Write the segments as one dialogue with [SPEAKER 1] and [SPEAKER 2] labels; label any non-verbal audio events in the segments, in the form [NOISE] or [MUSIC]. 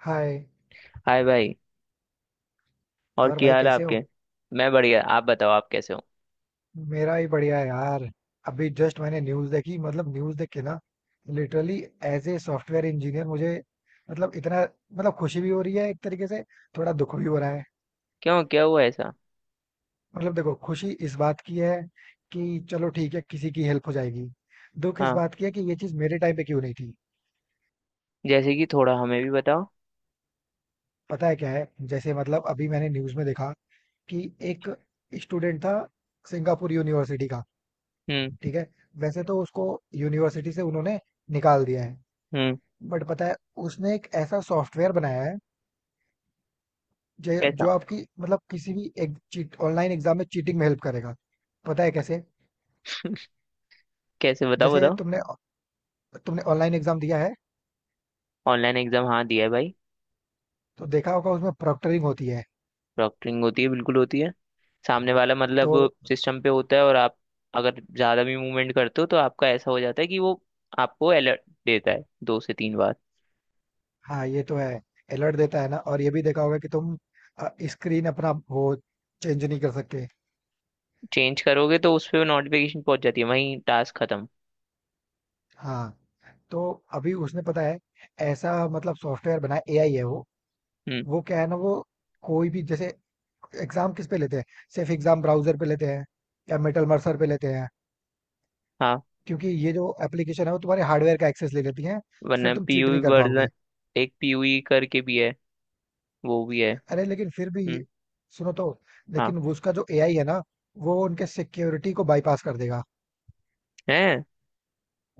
[SPEAKER 1] हाय।
[SPEAKER 2] Hi भाई। और
[SPEAKER 1] और भाई
[SPEAKER 2] क्या हाल है
[SPEAKER 1] कैसे
[SPEAKER 2] आपके।
[SPEAKER 1] हो।
[SPEAKER 2] मैं बढ़िया, आप बताओ आप कैसे हो।
[SPEAKER 1] मेरा भी बढ़िया है यार। अभी जस्ट मैंने न्यूज़ देखी, मतलब न्यूज़ देख के ना, literally as a software engineer मुझे, मतलब इतना, मतलब खुशी भी हो रही है एक तरीके से, थोड़ा दुख भी हो रहा है।
[SPEAKER 2] क्यों क्या हुआ ऐसा।
[SPEAKER 1] मतलब देखो, खुशी इस बात की है कि चलो ठीक है, किसी की हेल्प हो जाएगी। दुख इस
[SPEAKER 2] हाँ,
[SPEAKER 1] बात की है कि ये चीज़ मेरे टाइम पे क्यों नहीं थी।
[SPEAKER 2] जैसे कि थोड़ा हमें भी बताओ।
[SPEAKER 1] पता है क्या है, जैसे मतलब अभी मैंने न्यूज़ में देखा कि एक स्टूडेंट था, सिंगापुर यूनिवर्सिटी का,
[SPEAKER 2] हम्म।
[SPEAKER 1] ठीक है। वैसे तो उसको यूनिवर्सिटी से उन्होंने निकाल दिया है।
[SPEAKER 2] हम्म।
[SPEAKER 1] बट पता है, उसने एक ऐसा सॉफ्टवेयर बनाया है जो
[SPEAKER 2] कैसा।
[SPEAKER 1] जो आपकी, मतलब किसी भी एक चीट ऑनलाइन एग्जाम में चीटिंग में हेल्प करेगा। पता है कैसे?
[SPEAKER 2] कैसे बताओ
[SPEAKER 1] जैसे
[SPEAKER 2] बताओ।
[SPEAKER 1] तुमने तुमने ऑनलाइन एग्जाम दिया है
[SPEAKER 2] ऑनलाइन एग्जाम, हाँ दिया है भाई।
[SPEAKER 1] तो देखा होगा उसमें प्रॉक्टरिंग होती है
[SPEAKER 2] प्रॉक्टरिंग होती है, बिल्कुल होती है। सामने वाला,
[SPEAKER 1] तो।
[SPEAKER 2] मतलब सिस्टम पे होता है, और आप अगर ज़्यादा भी मूवमेंट करते हो तो आपका ऐसा हो जाता है कि वो आपको अलर्ट देता है, 2 से 3 बार।
[SPEAKER 1] हाँ, ये तो है। अलर्ट देता है ना, और ये भी देखा होगा कि तुम स्क्रीन अपना वो चेंज नहीं कर सकते।
[SPEAKER 2] चेंज करोगे तो उस पर नोटिफिकेशन पहुंच जाती है, वहीं टास्क खत्म।
[SPEAKER 1] हाँ, तो अभी उसने, पता है, ऐसा मतलब सॉफ्टवेयर बनाया, एआई है वो।
[SPEAKER 2] हम्म।
[SPEAKER 1] वो क्या है ना, वो कोई भी जैसे एग्जाम किस पे लेते हैं? सिर्फ एग्जाम ब्राउजर पे लेते हैं या मेटल मर्सर पे लेते हैं।
[SPEAKER 2] हाँ।
[SPEAKER 1] क्योंकि ये जो एप्लीकेशन है वो तुम्हारे हार्डवेयर का एक्सेस ले लेती है, फिर
[SPEAKER 2] वरना
[SPEAKER 1] तुम चीट
[SPEAKER 2] पीयूई
[SPEAKER 1] नहीं कर
[SPEAKER 2] वर्जन,
[SPEAKER 1] पाओगे।
[SPEAKER 2] एक पीयूई करके भी है, वो भी है।
[SPEAKER 1] अरे लेकिन फिर भी
[SPEAKER 2] हम्म।
[SPEAKER 1] सुनो तो,
[SPEAKER 2] हाँ।
[SPEAKER 1] लेकिन वो उसका जो एआई है ना, वो उनके सिक्योरिटी को बाईपास कर देगा।
[SPEAKER 2] है।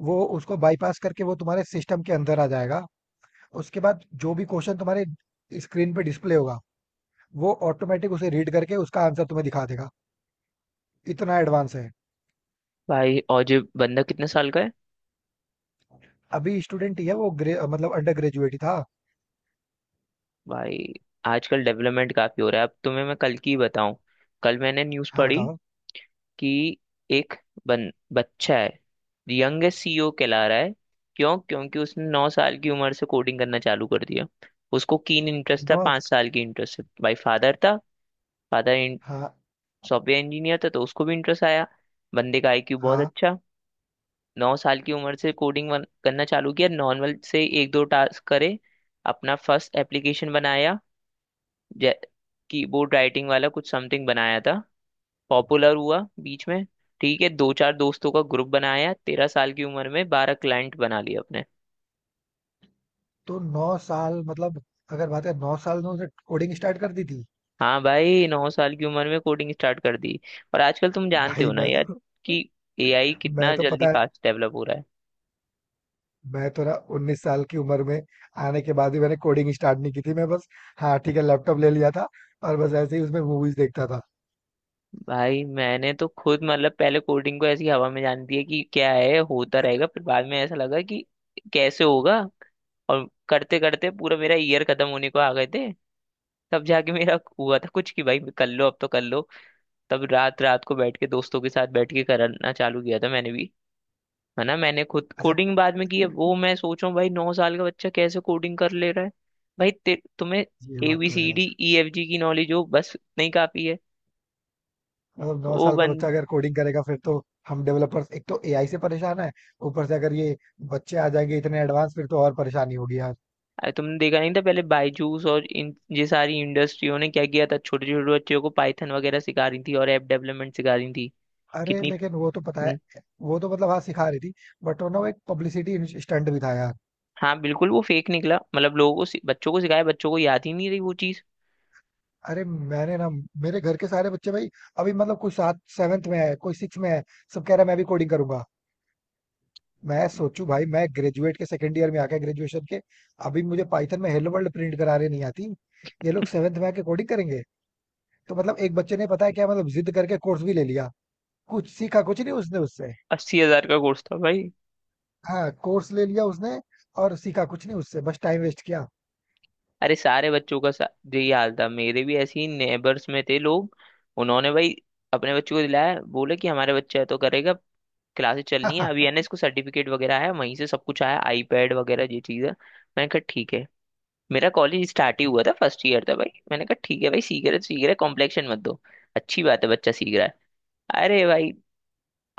[SPEAKER 1] वो उसको बाईपास करके वो तुम्हारे सिस्टम के अंदर आ जाएगा। उसके बाद जो भी क्वेश्चन तुम्हारे स्क्रीन पे डिस्प्ले होगा, वो ऑटोमेटिक उसे रीड करके उसका आंसर तुम्हें दिखा देगा। इतना एडवांस है।
[SPEAKER 2] भाई, और जो बंदा कितने साल का है।
[SPEAKER 1] अभी स्टूडेंट ही है वो, मतलब अंडर ग्रेजुएट ही था।
[SPEAKER 2] भाई आजकल डेवलपमेंट काफी हो रहा है। अब तुम्हें मैं कल की बताऊं। कल मैंने न्यूज़
[SPEAKER 1] हाँ
[SPEAKER 2] पढ़ी
[SPEAKER 1] बताओ।
[SPEAKER 2] कि एक बच्चा है, यंगेस्ट सीईओ कहला रहा है। क्यों। क्योंकि उसने 9 साल की उम्र से कोडिंग करना चालू कर दिया। उसको कीन इंटरेस्ट था,
[SPEAKER 1] नो।
[SPEAKER 2] 5 साल की इंटरेस्ट, भाई फादर था। फादर
[SPEAKER 1] हाँ।
[SPEAKER 2] सॉफ्टवेयर इंजीनियर था तो उसको भी इंटरेस्ट आया। बंदे का आईक्यू बहुत
[SPEAKER 1] हाँ।
[SPEAKER 2] अच्छा। 9 साल की उम्र से कोडिंग करना चालू किया, नॉर्मल से एक दो टास्क करे, अपना फर्स्ट एप्लीकेशन बनाया। जै कीबोर्ड राइटिंग वाला कुछ समथिंग बनाया था, पॉपुलर हुआ बीच में। ठीक है, दो चार दोस्तों का ग्रुप बनाया, 13 साल की उम्र में 12 क्लाइंट बना लिए अपने।
[SPEAKER 1] तो 9 साल मतलब, अगर बात करें, 9 साल में उसने कोडिंग स्टार्ट कर दी थी।
[SPEAKER 2] हाँ भाई, 9 साल की उम्र में कोडिंग स्टार्ट कर दी। और आजकल तुम जानते
[SPEAKER 1] भाई
[SPEAKER 2] हो ना
[SPEAKER 1] मैं
[SPEAKER 2] यार,
[SPEAKER 1] तो,
[SPEAKER 2] कि एआई
[SPEAKER 1] मैं
[SPEAKER 2] कितना
[SPEAKER 1] तो
[SPEAKER 2] जल्दी
[SPEAKER 1] पता है,
[SPEAKER 2] फास्ट डेवलप हो रहा है।
[SPEAKER 1] मैं तो ना 19 साल की उम्र में आने के बाद भी मैंने कोडिंग स्टार्ट नहीं की थी। मैं बस, हाँ ठीक है, लैपटॉप ले लिया था, और बस ऐसे ही उसमें मूवीज देखता था।
[SPEAKER 2] भाई मैंने तो खुद मतलब पहले कोडिंग को ऐसी हवा में जाने दिया कि क्या है, होता रहेगा। फिर बाद में ऐसा लगा कि कैसे होगा। और करते करते पूरा मेरा ईयर खत्म होने को आ गए थे। तब जाके मेरा हुआ था कुछ कि भाई कर लो, अब तो कर लो। तब रात रात को बैठ के दोस्तों के साथ बैठ के करना चालू किया था मैंने भी। है ना, मैंने खुद
[SPEAKER 1] अच्छा,
[SPEAKER 2] कोडिंग बाद में की है। वो मैं सोच रहा हूँ भाई, 9 साल का बच्चा कैसे कोडिंग कर ले रहा है। भाई तुम्हें
[SPEAKER 1] ये
[SPEAKER 2] ए
[SPEAKER 1] बात
[SPEAKER 2] बी
[SPEAKER 1] तो है
[SPEAKER 2] सी
[SPEAKER 1] यार।
[SPEAKER 2] डी ई एफ जी की नॉलेज हो बस, नहीं काफी है।
[SPEAKER 1] मतलब नौ
[SPEAKER 2] वो
[SPEAKER 1] साल का
[SPEAKER 2] बन
[SPEAKER 1] बच्चा अगर कोडिंग करेगा, फिर तो हम डेवलपर्स एक तो एआई से परेशान है ऊपर से अगर ये बच्चे आ जाएंगे इतने एडवांस, फिर तो और परेशानी होगी।
[SPEAKER 2] अरे तुमने देखा नहीं था, पहले बायजूस और इन ये सारी इंडस्ट्रियों ने क्या किया था, छोटे छोटे बच्चों को पाइथन वगैरह सिखा रही थी और ऐप डेवलपमेंट सिखा रही थी।
[SPEAKER 1] अरे
[SPEAKER 2] कितनी।
[SPEAKER 1] लेकिन वो तो पता
[SPEAKER 2] हम्म।
[SPEAKER 1] है, वो तो मतलब हाँ सिखा रही थी, बट वो ना, वो एक पब्लिसिटी स्टंट भी था यार।
[SPEAKER 2] हाँ बिल्कुल, वो फेक निकला। मतलब लोगों को बच्चों को सिखाया, बच्चों को याद ही नहीं रही वो चीज।
[SPEAKER 1] अरे मैंने ना, मेरे घर के सारे बच्चे भाई, अभी मतलब कोई सात सेवेंथ में है, कोई सिक्स में है, सब कह रहा है मैं भी कोडिंग करूंगा। मैं सोचू भाई, मैं ग्रेजुएट के सेकंड ईयर में आके, ग्रेजुएशन के अभी मुझे पाइथन में हेलो वर्ल्ड प्रिंट करा रही नहीं आती, ये लोग
[SPEAKER 2] [LAUGHS]
[SPEAKER 1] सेवेंथ में आके कोडिंग करेंगे। तो मतलब एक बच्चे ने, पता है क्या, मतलब जिद करके कोर्स भी ले लिया, कुछ सीखा कुछ नहीं उसने उससे।
[SPEAKER 2] 80,000 का कोर्स था भाई।
[SPEAKER 1] हाँ कोर्स ले लिया उसने, और सीखा कुछ नहीं उससे, बस टाइम वेस्ट
[SPEAKER 2] अरे सारे बच्चों का यही हाल था। मेरे भी ऐसे ही नेबर्स में थे लोग, उन्होंने भाई अपने बच्चों को दिलाया, बोले कि हमारे बच्चा है तो करेगा। क्लासेस चलनी है,
[SPEAKER 1] किया।
[SPEAKER 2] अभी
[SPEAKER 1] [LAUGHS]
[SPEAKER 2] एनएस को सर्टिफिकेट वगैरह आया, वहीं से सब कुछ आया आईपैड वगैरह, ये चीज़ है। मैंने कहा ठीक है। मेरा कॉलेज स्टार्ट ही हुआ था, फर्स्ट ईयर था भाई। मैंने कहा ठीक है भाई, सीख रहे तो सीख रहे, कॉम्प्लेक्शन मत दो, अच्छी बात है बच्चा सीख रहा है। अरे भाई,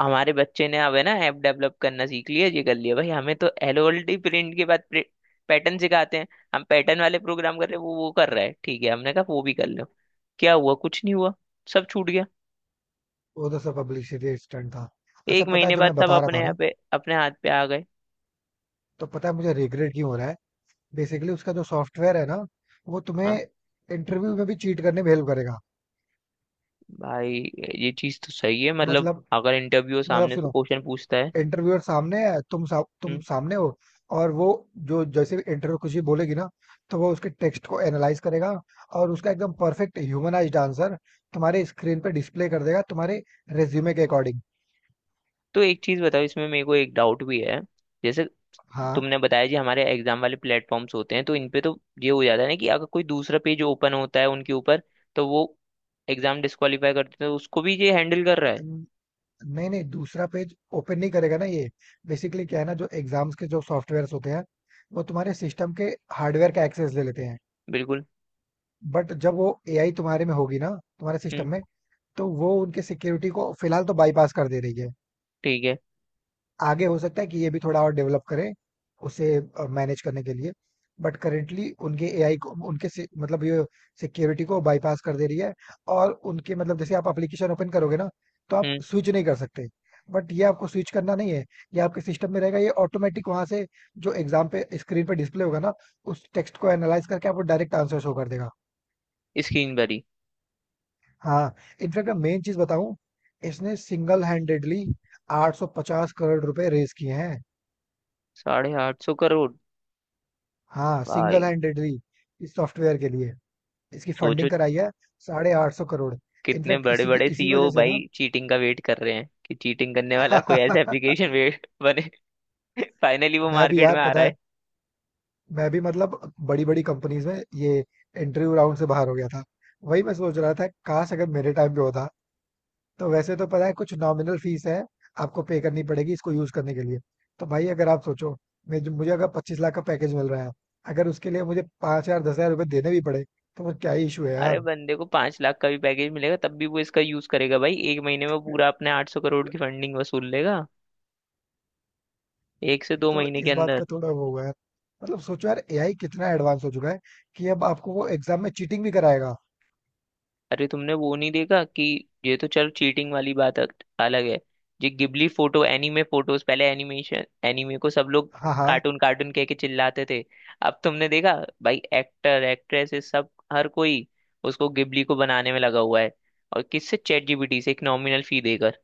[SPEAKER 2] हमारे बच्चे ने अब है ना ऐप डेवलप करना सीख लिया, ये कर लिया, भाई हमें तो एलओएलडी प्रिंट के बाद पैटर्न सिखाते हैं। हम पैटर्न वाले प्रोग्राम कर रहे हैं, वो कर रहा है। ठीक है, हमने कहा वो भी कर लो। क्या हुआ, कुछ नहीं हुआ, सब छूट गया।
[SPEAKER 1] वो तो सब पब्लिसिटी स्टंट था। अच्छा
[SPEAKER 2] एक
[SPEAKER 1] पता है
[SPEAKER 2] महीने
[SPEAKER 1] जो
[SPEAKER 2] बाद
[SPEAKER 1] मैं
[SPEAKER 2] सब
[SPEAKER 1] बता रहा
[SPEAKER 2] अपने
[SPEAKER 1] था
[SPEAKER 2] यहाँ
[SPEAKER 1] ना,
[SPEAKER 2] पे अपने हाथ पे आ गए।
[SPEAKER 1] तो पता है मुझे रिग्रेट क्यों हो रहा है। बेसिकली उसका जो सॉफ्टवेयर है ना, वो तुम्हें
[SPEAKER 2] हाँ
[SPEAKER 1] इंटरव्यू में भी चीट करने में हेल्प करेगा।
[SPEAKER 2] भाई, ये चीज तो सही है। मतलब
[SPEAKER 1] मतलब,
[SPEAKER 2] अगर इंटरव्यू
[SPEAKER 1] मतलब
[SPEAKER 2] सामने से
[SPEAKER 1] सुनो,
[SPEAKER 2] क्वेश्चन पूछता है।
[SPEAKER 1] इंटरव्यूअर सामने है, तुम सामने हो और वो, जो जैसे इंटरव्यू कुछ भी बोलेगी ना, तो वो उसके टेक्स्ट को एनालाइज करेगा, और उसका एकदम परफेक्ट ह्यूमनाइज्ड आंसर तुम्हारे स्क्रीन पे डिस्प्ले कर देगा तुम्हारे रेज्यूमे के अकॉर्डिंग।
[SPEAKER 2] तो एक चीज बताओ, इसमें मेरे को एक डाउट भी है। जैसे
[SPEAKER 1] हाँ।
[SPEAKER 2] तुमने बताया जी, हमारे एग्जाम वाले प्लेटफॉर्म्स होते हैं तो इन पे तो ये हो जाता है ना कि अगर कोई दूसरा पेज ओपन होता है उनके ऊपर, तो वो एग्जाम डिस्क्वालीफाई करते हैं। तो उसको भी ये हैंडल कर रहा है।
[SPEAKER 1] नहीं नहीं, दूसरा पेज ओपन नहीं करेगा ना ये। बेसिकली क्या है ना, जो एग्जाम्स के जो सॉफ्टवेयर्स होते हैं, वो तुम्हारे सिस्टम के हार्डवेयर का एक्सेस ले लेते हैं।
[SPEAKER 2] बिल्कुल।
[SPEAKER 1] बट जब वो एआई तुम्हारे में होगी ना, तुम्हारे सिस्टम
[SPEAKER 2] हम्म।
[SPEAKER 1] में, तो वो उनके सिक्योरिटी को फिलहाल तो बाईपास कर दे रही है।
[SPEAKER 2] ठीक है।
[SPEAKER 1] आगे हो सकता है कि ये भी थोड़ा और डेवलप करें उसे मैनेज करने के लिए। बट करेंटली उनके एआई को, मतलब ये सिक्योरिटी को बाईपास कर दे रही है। और उनके मतलब जैसे आप एप्लीकेशन ओपन करोगे ना, तो आप
[SPEAKER 2] हम्म।
[SPEAKER 1] स्विच नहीं कर सकते। बट ये आपको स्विच करना नहीं है, ये आपके सिस्टम में रहेगा, ये ऑटोमेटिक वहां से जो एग्जाम पे स्क्रीन पे डिस्प्ले होगा ना, उस टेक्स्ट को एनालाइज करके आपको डायरेक्ट आंसर शो कर देगा।
[SPEAKER 2] स्क्रीन भरी।
[SPEAKER 1] हाँ। इनफैक्ट मैं मेन चीज बताऊं, इसने सिंगल हैंडेडली 850 करोड़ रुपए रेज किए हैं।
[SPEAKER 2] 850 करोड़।
[SPEAKER 1] हाँ, सिंगल
[SPEAKER 2] भाई।
[SPEAKER 1] हैंडेडली इस सॉफ्टवेयर के लिए इसकी
[SPEAKER 2] सोचो,
[SPEAKER 1] फंडिंग कराई है, 850 करोड़।
[SPEAKER 2] कितने
[SPEAKER 1] इनफैक्ट
[SPEAKER 2] बड़े
[SPEAKER 1] इसी की
[SPEAKER 2] बड़े
[SPEAKER 1] इसी
[SPEAKER 2] सीईओ
[SPEAKER 1] वजह से ना
[SPEAKER 2] भाई चीटिंग का वेट कर रहे हैं, कि चीटिंग करने वाला कोई ऐसा एप्लीकेशन
[SPEAKER 1] [LAUGHS]
[SPEAKER 2] वेट [LAUGHS] बने। फाइनली वो
[SPEAKER 1] मैं भी
[SPEAKER 2] मार्केट
[SPEAKER 1] यार
[SPEAKER 2] में आ।
[SPEAKER 1] पता है, मैं भी मतलब बड़ी बड़ी कंपनीज में ये इंटरव्यू राउंड से बाहर हो गया था। वही मैं सोच रहा था काश अगर मेरे टाइम पे होता। तो वैसे तो पता है, कुछ नॉमिनल फीस है आपको पे करनी पड़ेगी इसको यूज करने के लिए। तो भाई अगर आप सोचो, मैं, मुझे अगर 25 लाख का पैकेज मिल रहा है, अगर उसके लिए मुझे 5 हजार 10 हजार रुपये देने भी पड़े, तो वो क्या इशू है यार।
[SPEAKER 2] अरे बंदे को 5 लाख का भी पैकेज मिलेगा, तब भी वो इसका यूज करेगा। भाई एक महीने में वो पूरा अपने 800 करोड़ की फंडिंग वसूल लेगा, एक से दो
[SPEAKER 1] तो
[SPEAKER 2] महीने के
[SPEAKER 1] इस बात
[SPEAKER 2] अंदर।
[SPEAKER 1] का थोड़ा वो हुआ है, मतलब सोचो यार एआई कितना एडवांस हो चुका है कि अब आपको वो एग्जाम में चीटिंग भी कराएगा।
[SPEAKER 2] अरे तुमने वो नहीं देखा कि ये तो चल, चीटिंग वाली बात अलग है। ये गिबली फोटो, एनीमे फोटोज, पहले एनिमेशन एनीमे को सब लोग
[SPEAKER 1] हाँ। हाँ।
[SPEAKER 2] कार्टून कार्टून कह के चिल्लाते थे। अब तुमने देखा भाई, एक्टर एक्ट्रेसेस सब हर कोई उसको गिबली को बनाने में लगा हुआ है। और किससे, चैट जीपीटी से, एक नॉमिनल फी देकर।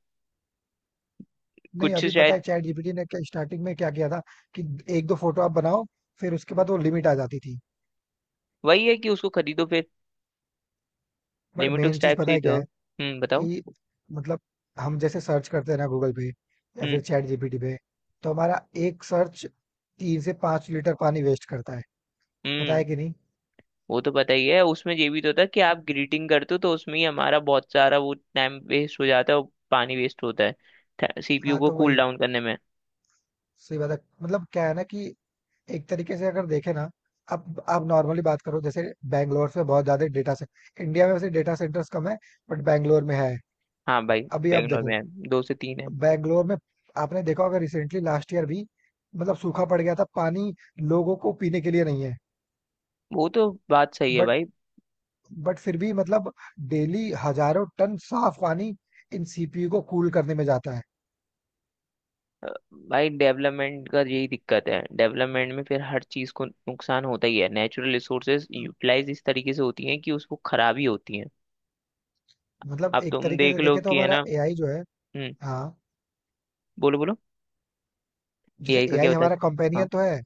[SPEAKER 1] नहीं
[SPEAKER 2] कुछ
[SPEAKER 1] अभी पता है
[SPEAKER 2] शायद
[SPEAKER 1] चैट जीपीटी ने क्या स्टार्टिंग में क्या किया था, कि एक दो फोटो आप बनाओ, फिर उसके बाद वो लिमिट आ जाती थी।
[SPEAKER 2] वही है कि उसको खरीदो फिर।
[SPEAKER 1] बट
[SPEAKER 2] लिमिट
[SPEAKER 1] मेन
[SPEAKER 2] उस
[SPEAKER 1] चीज
[SPEAKER 2] टाइप
[SPEAKER 1] पता
[SPEAKER 2] से ही
[SPEAKER 1] है क्या
[SPEAKER 2] तो,
[SPEAKER 1] है,
[SPEAKER 2] बताओ।
[SPEAKER 1] कि मतलब हम जैसे सर्च करते हैं ना गूगल पे या फिर
[SPEAKER 2] हम्म।
[SPEAKER 1] चैट जीपीटी पे, तो हमारा एक सर्च 3 से 5 लीटर पानी वेस्ट करता है। पता
[SPEAKER 2] हम्म।
[SPEAKER 1] है कि नहीं।
[SPEAKER 2] वो तो पता ही है। उसमें ये भी तो था कि आप ग्रीटिंग करते हो तो उसमें ही हमारा बहुत सारा वो टाइम वेस्ट हो जाता है, और पानी वेस्ट होता है सीपीयू
[SPEAKER 1] हाँ
[SPEAKER 2] को
[SPEAKER 1] तो
[SPEAKER 2] कूल
[SPEAKER 1] वही
[SPEAKER 2] डाउन करने में।
[SPEAKER 1] सही बात है। मतलब क्या है ना कि एक तरीके से अगर देखें ना, आप नॉर्मली बात करो, जैसे बैंगलोर में बहुत ज्यादा डेटा से, इंडिया में वैसे डेटा सेंटर्स कम है, बट बैंगलोर में है।
[SPEAKER 2] हाँ भाई।
[SPEAKER 1] अभी आप
[SPEAKER 2] बैंगलोर में
[SPEAKER 1] देखो
[SPEAKER 2] है, 2 से 3 है।
[SPEAKER 1] बैंगलोर में, आपने देखा होगा रिसेंटली लास्ट ईयर भी मतलब सूखा पड़ गया था, पानी लोगों को पीने के लिए नहीं है।
[SPEAKER 2] वो तो बात सही है
[SPEAKER 1] बट
[SPEAKER 2] भाई।
[SPEAKER 1] बट फिर भी मतलब डेली हजारों टन साफ पानी इन सीपीयू को कूल करने में जाता है।
[SPEAKER 2] अ, भाई डेवलपमेंट का यही दिक्कत है, डेवलपमेंट में फिर हर चीज़ को नुकसान होता ही है। नेचुरल रिसोर्सेज यूटिलाइज इस तरीके से होती हैं कि उसको खराबी होती है।
[SPEAKER 1] मतलब
[SPEAKER 2] अब
[SPEAKER 1] एक
[SPEAKER 2] तुम
[SPEAKER 1] तरीके
[SPEAKER 2] देख
[SPEAKER 1] से
[SPEAKER 2] लो
[SPEAKER 1] देखे तो
[SPEAKER 2] कि, है
[SPEAKER 1] हमारा
[SPEAKER 2] ना।
[SPEAKER 1] एआई जो है,
[SPEAKER 2] हम्म।
[SPEAKER 1] हाँ
[SPEAKER 2] बोलो बोलो।
[SPEAKER 1] जैसे
[SPEAKER 2] एआई का क्या
[SPEAKER 1] एआई हमारा
[SPEAKER 2] बताते।
[SPEAKER 1] कंपेनियन
[SPEAKER 2] हाँ,
[SPEAKER 1] तो है,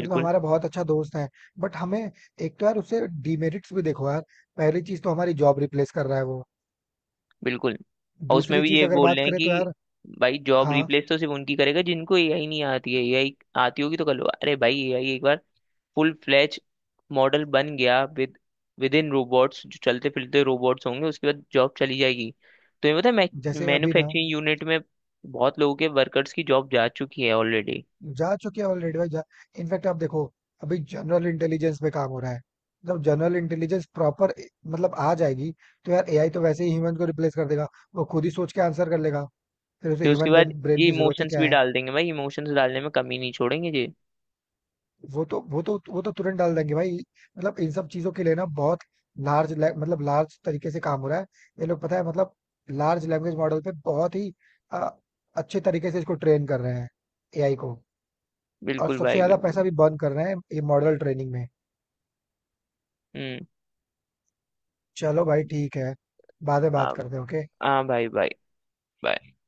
[SPEAKER 1] मतलब हमारा बहुत अच्छा दोस्त है। बट हमें एक तो यार उससे डिमेरिट्स भी देखो यार। पहली चीज तो हमारी जॉब रिप्लेस कर रहा है वो।
[SPEAKER 2] बिल्कुल। और उसमें
[SPEAKER 1] दूसरी
[SPEAKER 2] भी
[SPEAKER 1] चीज
[SPEAKER 2] ये
[SPEAKER 1] अगर
[SPEAKER 2] बोल
[SPEAKER 1] बात
[SPEAKER 2] रहे हैं
[SPEAKER 1] करें तो
[SPEAKER 2] कि,
[SPEAKER 1] यार,
[SPEAKER 2] भाई जॉब
[SPEAKER 1] हाँ।
[SPEAKER 2] रिप्लेस तो सिर्फ उनकी करेगा जिनको एआई नहीं आती है। एआई आती होगी तो कर लो। अरे भाई, एआई एक बार फुल फ्लैच मॉडल बन गया विद विद इन रोबोट्स, जो चलते फिरते रोबोट्स होंगे, उसके बाद जॉब चली जाएगी। तो ये पता है,
[SPEAKER 1] जैसे अभी ना,
[SPEAKER 2] मैन्युफैक्चरिंग यूनिट में बहुत लोगों के वर्कर्स की जॉब जा चुकी है ऑलरेडी।
[SPEAKER 1] जा चुके हैं ऑलरेडी भाई, जा। इनफैक्ट आप देखो, अभी जनरल इंटेलिजेंस पे काम हो रहा है। जब जनरल इंटेलिजेंस प्रॉपर मतलब आ जाएगी, तो यार एआई तो वैसे ही ह्यूमन को रिप्लेस कर देगा, वो खुद ही सोच के आंसर कर लेगा, फिर उसे
[SPEAKER 2] फिर उसके
[SPEAKER 1] ह्यूमन
[SPEAKER 2] बाद
[SPEAKER 1] ब्रेन
[SPEAKER 2] ये
[SPEAKER 1] की जरूरत ही
[SPEAKER 2] इमोशंस
[SPEAKER 1] क्या
[SPEAKER 2] भी
[SPEAKER 1] है।
[SPEAKER 2] डाल देंगे, भाई इमोशंस डालने में कमी नहीं छोड़ेंगे जी।
[SPEAKER 1] वो तो तुरंत डाल देंगे भाई। मतलब इन सब चीजों के लिए ना बहुत लार्ज, मतलब लार्ज तरीके से काम हो रहा है, ये लोग पता है मतलब लार्ज लैंग्वेज मॉडल पे बहुत ही अ, अच्छे तरीके से इसको ट्रेन कर रहे हैं एआई को। और
[SPEAKER 2] बिल्कुल
[SPEAKER 1] सबसे
[SPEAKER 2] भाई
[SPEAKER 1] ज्यादा पैसा
[SPEAKER 2] बिल्कुल।
[SPEAKER 1] भी बर्न कर रहे हैं ये मॉडल ट्रेनिंग में।
[SPEAKER 2] हम्म।
[SPEAKER 1] चलो भाई ठीक है, बाद में बात
[SPEAKER 2] आ-
[SPEAKER 1] करते हैं। ओके।
[SPEAKER 2] हाँ भाई भाई।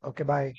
[SPEAKER 1] Okay bye.